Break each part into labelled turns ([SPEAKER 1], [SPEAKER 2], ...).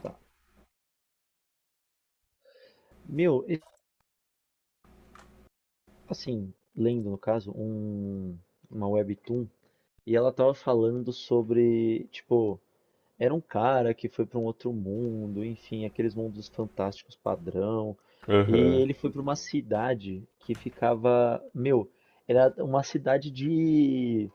[SPEAKER 1] Tá. Meu, tipo assim, lendo no caso, uma webtoon, e ela tava falando sobre, tipo, era um cara que foi pra um outro mundo, enfim, aqueles mundos fantásticos padrão, e
[SPEAKER 2] Aham.
[SPEAKER 1] ele foi pra uma cidade que ficava, meu, era uma cidade de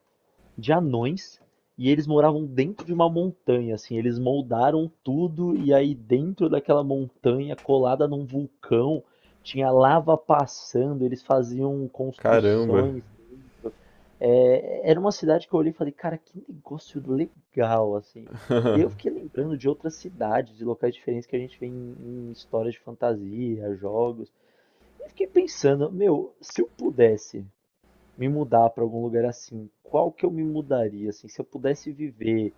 [SPEAKER 1] de anões e eles moravam dentro de uma montanha, assim, eles moldaram tudo e aí dentro daquela montanha, colada num vulcão, tinha lava passando, eles faziam
[SPEAKER 2] Caramba.
[SPEAKER 1] construções dentro. É, era uma cidade que eu olhei e falei, cara, que negócio legal, assim. E eu fiquei lembrando de outras cidades, de locais diferentes que a gente vê em histórias de fantasia, jogos. E eu fiquei pensando, meu, se eu pudesse me mudar para algum lugar assim, qual que eu me mudaria, assim, se eu pudesse viver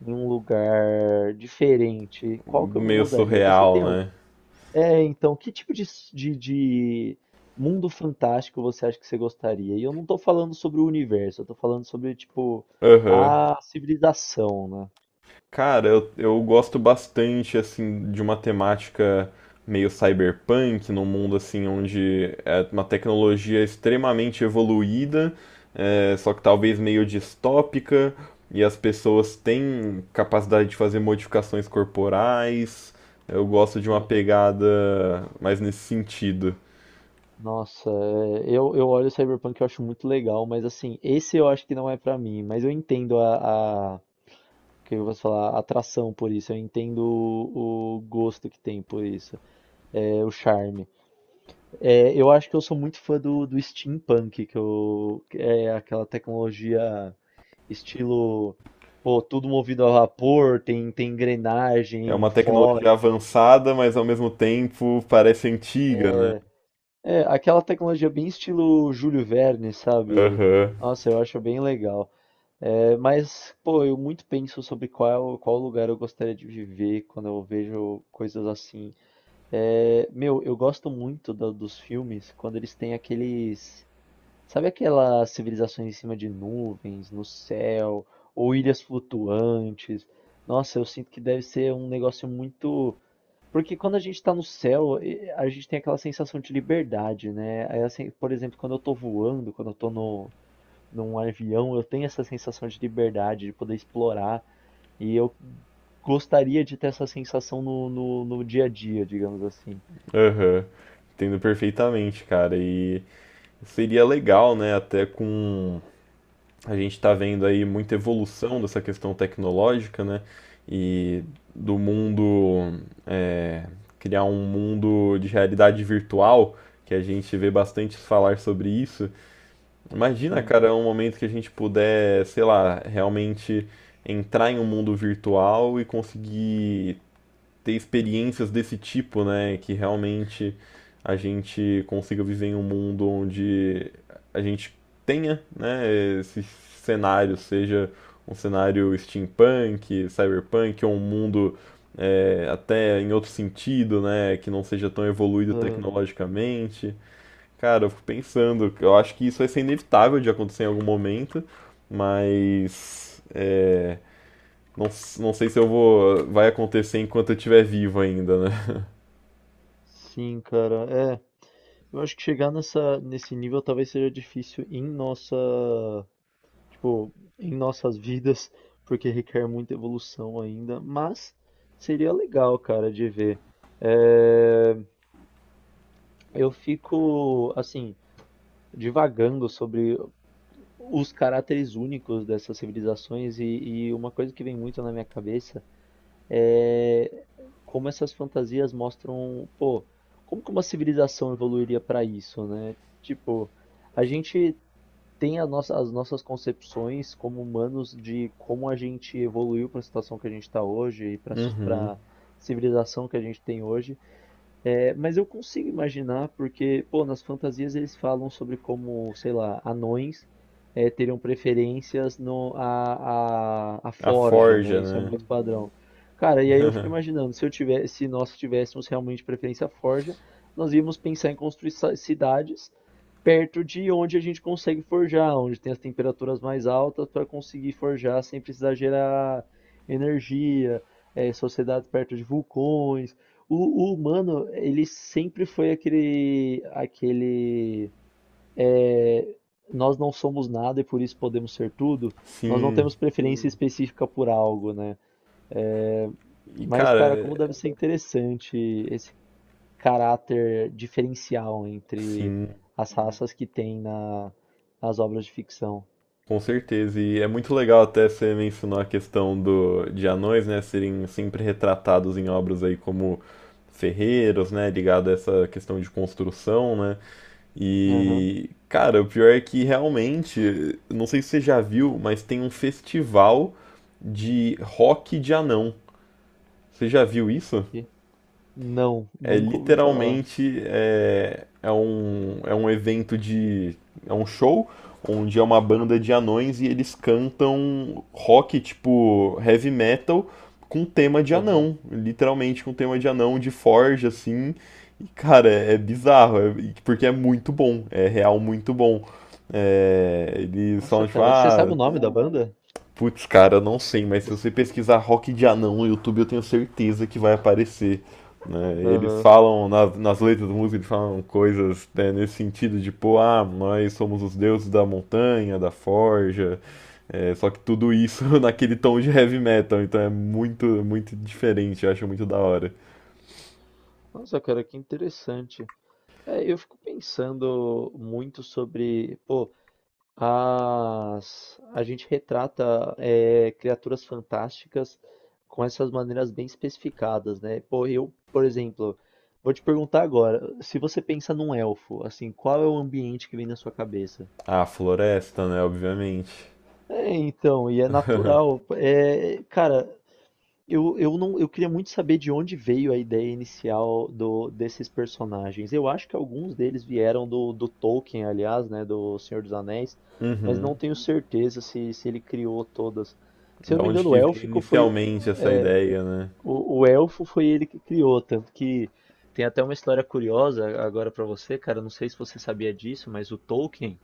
[SPEAKER 1] em um lugar diferente, qual que eu me
[SPEAKER 2] Meio
[SPEAKER 1] mudaria? Você
[SPEAKER 2] surreal,
[SPEAKER 1] tem algum?
[SPEAKER 2] né?
[SPEAKER 1] É, então, que tipo de mundo fantástico você acha que você gostaria? E eu não tô falando sobre o universo, eu tô falando sobre, tipo,
[SPEAKER 2] Aham.
[SPEAKER 1] a civilização, né?
[SPEAKER 2] Cara, eu gosto bastante, assim, de uma temática meio cyberpunk, num mundo, assim, onde é uma tecnologia extremamente evoluída, só que talvez meio distópica, e as pessoas têm capacidade de fazer modificações corporais. Eu gosto de uma
[SPEAKER 1] Aham.
[SPEAKER 2] pegada mais nesse sentido.
[SPEAKER 1] Nossa, é, eu olho o Cyberpunk e eu acho muito legal, mas assim, esse eu acho que não é pra mim, mas eu entendo o que eu vou falar, atração por isso. Eu entendo o gosto que tem por isso, é, o charme. É, eu acho que eu sou muito fã do steampunk, que eu, que é aquela tecnologia estilo, pô, tudo movido a vapor, tem
[SPEAKER 2] É
[SPEAKER 1] engrenagem,
[SPEAKER 2] uma
[SPEAKER 1] fole,
[SPEAKER 2] tecnologia avançada, mas ao mesmo tempo parece antiga, né?
[SPEAKER 1] é, é aquela tecnologia bem estilo Júlio Verne, sabe?
[SPEAKER 2] Aham,
[SPEAKER 1] Nossa, eu acho bem legal. É, mas, pô, eu muito penso sobre qual lugar eu gostaria de viver quando eu vejo coisas assim. É, meu, eu gosto muito dos filmes quando eles têm aqueles. Sabe aquelas civilizações em cima de nuvens, no céu, ou ilhas flutuantes? Nossa, eu sinto que deve ser um negócio muito. Porque quando a gente tá no céu, a gente tem aquela sensação de liberdade, né? Aí, assim, por exemplo, quando eu tô voando, quando eu tô no, num avião, eu tenho essa sensação de liberdade, de poder explorar. E eu gostaria de ter essa sensação no dia a dia, digamos assim.
[SPEAKER 2] aham. Entendo perfeitamente, cara. E seria legal, né? Até com. A gente tá vendo aí muita evolução dessa questão tecnológica, né? E do mundo. é, Criar um mundo de realidade virtual, que a gente vê bastante falar sobre isso. Imagina,
[SPEAKER 1] Sim.
[SPEAKER 2] cara, um momento que a gente puder, sei lá, realmente entrar em um mundo virtual e conseguir ter experiências desse tipo, né? Que realmente a gente consiga viver em um mundo onde a gente tenha, né, esse cenário, seja um cenário steampunk, cyberpunk, ou um mundo até em outro sentido, né? Que não seja tão evoluído
[SPEAKER 1] Ah,
[SPEAKER 2] tecnologicamente. Cara, eu fico pensando, eu acho que isso vai ser inevitável de acontecer em algum momento, mas não sei se vai acontecer enquanto eu estiver vivo ainda, né?
[SPEAKER 1] sim, cara. É, eu acho que chegar nesse nível talvez seja difícil em em nossas vidas, porque requer muita evolução ainda, mas seria legal, cara, de ver. É, eu fico, assim, divagando sobre os caracteres únicos dessas civilizações e uma coisa que vem muito na minha cabeça é, como essas fantasias mostram, pô, como que uma civilização evoluiria para isso, né? Tipo, a gente tem as nossas concepções como humanos de como a gente evoluiu para a situação que a gente está hoje e para
[SPEAKER 2] Uhum.
[SPEAKER 1] a civilização que a gente tem hoje. É, mas eu consigo imaginar, porque, pô, nas fantasias eles falam sobre como, sei lá, anões é, teriam preferências no, a
[SPEAKER 2] A
[SPEAKER 1] forja, né?
[SPEAKER 2] forja,
[SPEAKER 1] Isso é
[SPEAKER 2] né?
[SPEAKER 1] muito padrão. Cara, e aí eu fico imaginando, se eu tivesse, se nós tivéssemos realmente preferência à forja, nós íamos pensar em construir cidades perto de onde a gente consegue forjar, onde tem as temperaturas mais altas para conseguir forjar sem precisar gerar energia, é, sociedades perto de vulcões. O humano, ele sempre foi aquele, é, nós não somos nada e por isso podemos ser tudo. Nós não
[SPEAKER 2] Sim.
[SPEAKER 1] temos preferência específica por algo, né? É,
[SPEAKER 2] E
[SPEAKER 1] mas,
[SPEAKER 2] cara,
[SPEAKER 1] cara, como deve ser interessante esse caráter diferencial entre
[SPEAKER 2] sim,
[SPEAKER 1] as uhum. raças que tem nas obras de ficção.
[SPEAKER 2] com certeza. E é muito legal até você mencionou a questão do de anões, né, serem sempre retratados em obras aí como ferreiros, né, ligado a essa questão de construção, né?
[SPEAKER 1] Aham.
[SPEAKER 2] E, cara, o pior é que realmente, não sei se você já viu, mas tem um festival de rock de anão. Você já viu isso?
[SPEAKER 1] que- Não,
[SPEAKER 2] É
[SPEAKER 1] nunca ouvi falar.
[SPEAKER 2] literalmente é, é um evento de. É um show onde é uma banda de anões e eles cantam rock, tipo heavy metal, com tema de
[SPEAKER 1] Aham.
[SPEAKER 2] anão. Literalmente com tema de anão, de forja, assim. E, cara, é bizarro, porque é muito bom, é real muito bom. É, eles
[SPEAKER 1] Nossa,
[SPEAKER 2] falam, tipo,
[SPEAKER 1] cara, você sabe
[SPEAKER 2] ah,
[SPEAKER 1] o nome da banda?
[SPEAKER 2] Putz, cara, não sei, mas se
[SPEAKER 1] Você-
[SPEAKER 2] você pesquisar rock de anão no YouTube, eu tenho certeza que vai aparecer. Né? Eles
[SPEAKER 1] Aham.
[SPEAKER 2] falam nas letras da música, eles falam coisas, né, nesse sentido de, pô, ah, nós somos os deuses da montanha, da forja, só que tudo isso naquele tom de heavy metal, então é muito, muito diferente, eu acho muito da hora.
[SPEAKER 1] Nossa, cara, que interessante. É, eu fico pensando muito sobre, pô, as... a gente retrata é, criaturas fantásticas com essas maneiras bem especificadas, né? Pô, eu, por exemplo, vou te perguntar agora, se você pensa num elfo, assim, qual é o ambiente que vem na sua cabeça?
[SPEAKER 2] Ah, floresta, né, obviamente.
[SPEAKER 1] É, então, e é natural. É, cara, eu não, eu queria muito saber de onde veio a ideia inicial desses personagens. Eu acho que alguns deles vieram do Tolkien, aliás, né, do Senhor dos Anéis, mas não
[SPEAKER 2] Uhum.
[SPEAKER 1] tenho certeza se ele criou todas. Se eu
[SPEAKER 2] Da
[SPEAKER 1] não me
[SPEAKER 2] onde
[SPEAKER 1] engano, o
[SPEAKER 2] que veio
[SPEAKER 1] élfico foi,
[SPEAKER 2] inicialmente essa
[SPEAKER 1] é,
[SPEAKER 2] ideia, né?
[SPEAKER 1] o elfo foi ele que criou, tanto que tem até uma história curiosa agora pra você, cara. Não sei se você sabia disso, mas o Tolkien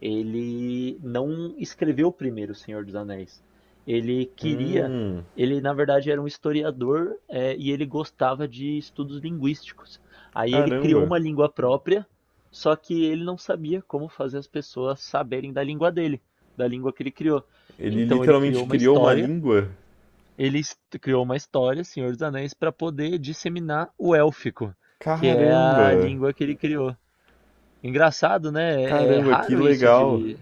[SPEAKER 1] ele não escreveu primeiro O Senhor dos Anéis. Ele queria,
[SPEAKER 2] Hum,
[SPEAKER 1] ele na verdade era um historiador, é, e ele gostava de estudos linguísticos. Aí ele criou
[SPEAKER 2] caramba.
[SPEAKER 1] uma língua própria, só que ele não sabia como fazer as pessoas saberem da língua dele, da língua que ele criou.
[SPEAKER 2] Ele
[SPEAKER 1] Então ele
[SPEAKER 2] literalmente
[SPEAKER 1] criou uma
[SPEAKER 2] criou uma
[SPEAKER 1] história,
[SPEAKER 2] língua?
[SPEAKER 1] criou uma história, Senhor dos Anéis, para poder disseminar o élfico, que é a
[SPEAKER 2] Caramba!
[SPEAKER 1] língua que ele criou. Engraçado, né? É
[SPEAKER 2] Caramba, que
[SPEAKER 1] raro isso
[SPEAKER 2] legal!
[SPEAKER 1] de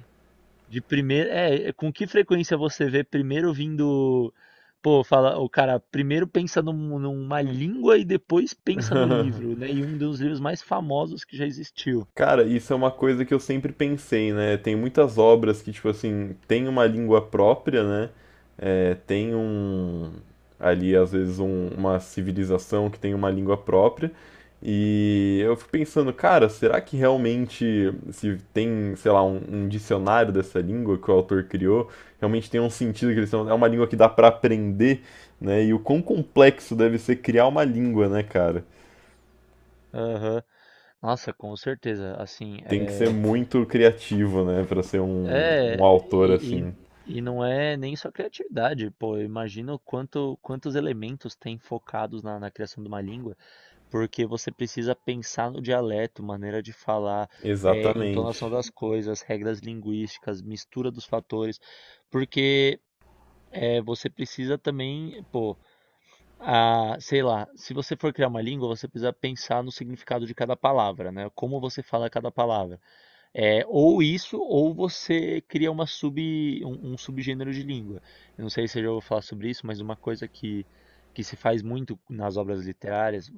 [SPEAKER 1] de primeiro, é, é, com que frequência você vê primeiro vindo, pô, fala, o cara primeiro pensa numa língua e depois pensa no livro, né? E um dos livros mais famosos que já existiu.
[SPEAKER 2] Cara, isso é uma coisa que eu sempre pensei, né? Tem muitas obras que, tipo assim, tem uma língua própria, né? É, tem um. Ali, às vezes, uma civilização que tem uma língua própria. E eu fico pensando, cara, será que realmente, se tem, sei lá, um dicionário dessa língua que o autor criou, realmente tem um sentido que eles são. É uma língua que dá pra aprender, né? E o quão complexo deve ser criar uma língua, né, cara?
[SPEAKER 1] Aham. Nossa, com certeza. Assim,
[SPEAKER 2] Tem que ser
[SPEAKER 1] é,
[SPEAKER 2] muito criativo, né, pra ser um
[SPEAKER 1] é
[SPEAKER 2] autor
[SPEAKER 1] e,
[SPEAKER 2] assim.
[SPEAKER 1] e, e não é nem só criatividade, pô. Eu imagino quantos elementos tem focados na criação de uma língua. Porque você precisa pensar no dialeto, maneira de falar,
[SPEAKER 2] Exatamente.
[SPEAKER 1] entonação das coisas, regras linguísticas, mistura dos fatores, porque você precisa também, pô, a, sei lá, se você for criar uma língua, você precisa pensar no significado de cada palavra, né? Como você fala cada palavra. É, ou isso, ou você cria um subgênero de língua. Eu não sei se eu já vou falar sobre isso, mas uma coisa que se faz muito nas obras literárias,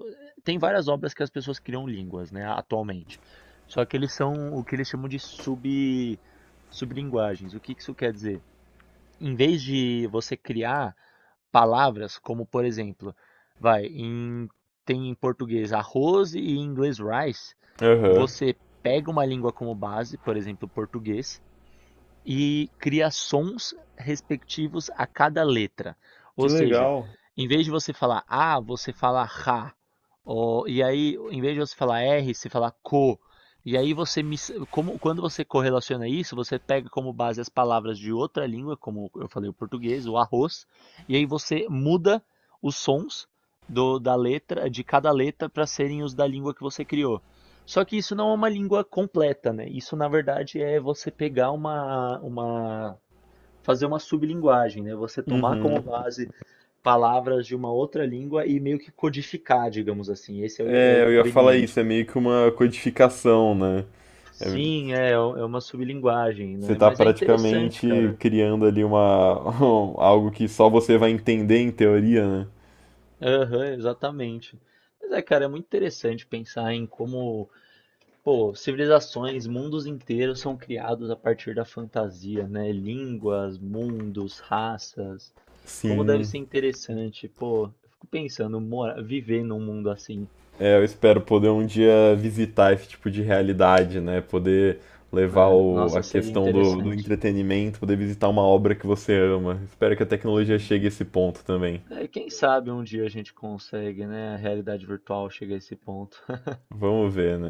[SPEAKER 1] tem várias obras que as pessoas criam línguas, né, atualmente. Só que eles são o que eles chamam sublinguagens. O que que isso quer dizer? Em vez de você criar palavras como, por exemplo, vai, tem em português arroz e em inglês rice,
[SPEAKER 2] Aham.
[SPEAKER 1] você pega uma língua como base, por exemplo, português, e cria sons respectivos a cada letra.
[SPEAKER 2] Que
[SPEAKER 1] Ou seja,
[SPEAKER 2] legal.
[SPEAKER 1] em vez de você falar A, você fala Ra. Ó, e aí, em vez de você falar R, você fala Co. E aí você como, quando você correlaciona isso, você pega como base as palavras de outra língua, como eu falei o português, o arroz, e aí você muda os sons da letra de cada letra para serem os da língua que você criou. Só que isso não é uma língua completa, né? Isso, na verdade, é você pegar fazer uma sublinguagem, né? Você tomar como
[SPEAKER 2] Uhum.
[SPEAKER 1] base palavras de uma outra língua e meio que codificar, digamos assim. Esse é é o
[SPEAKER 2] É, eu ia falar isso, é
[SPEAKER 1] conveniente.
[SPEAKER 2] meio que uma codificação, né? É,
[SPEAKER 1] Sim, é, é uma sublinguagem,
[SPEAKER 2] você
[SPEAKER 1] né?
[SPEAKER 2] tá
[SPEAKER 1] Mas é interessante,
[SPEAKER 2] praticamente
[SPEAKER 1] cara.
[SPEAKER 2] criando ali uma algo que só você vai entender em teoria, né?
[SPEAKER 1] Aham, exatamente. Mas é, cara, é muito interessante pensar em como pô, civilizações, mundos inteiros são criados a partir da fantasia, né? Línguas, mundos, raças. Como deve
[SPEAKER 2] Sim.
[SPEAKER 1] ser interessante, pô. Eu fico pensando, mora, viver num mundo assim,
[SPEAKER 2] É, eu espero poder um dia visitar esse tipo de realidade, né? Poder
[SPEAKER 1] né? Nossa,
[SPEAKER 2] a
[SPEAKER 1] seria
[SPEAKER 2] questão do, do
[SPEAKER 1] interessante.
[SPEAKER 2] entretenimento, poder visitar uma obra que você ama. Espero que a tecnologia
[SPEAKER 1] Sim.
[SPEAKER 2] chegue a esse ponto também.
[SPEAKER 1] É, quem sabe um dia a gente consegue, né? A realidade virtual chega a esse ponto.
[SPEAKER 2] Vamos ver, né?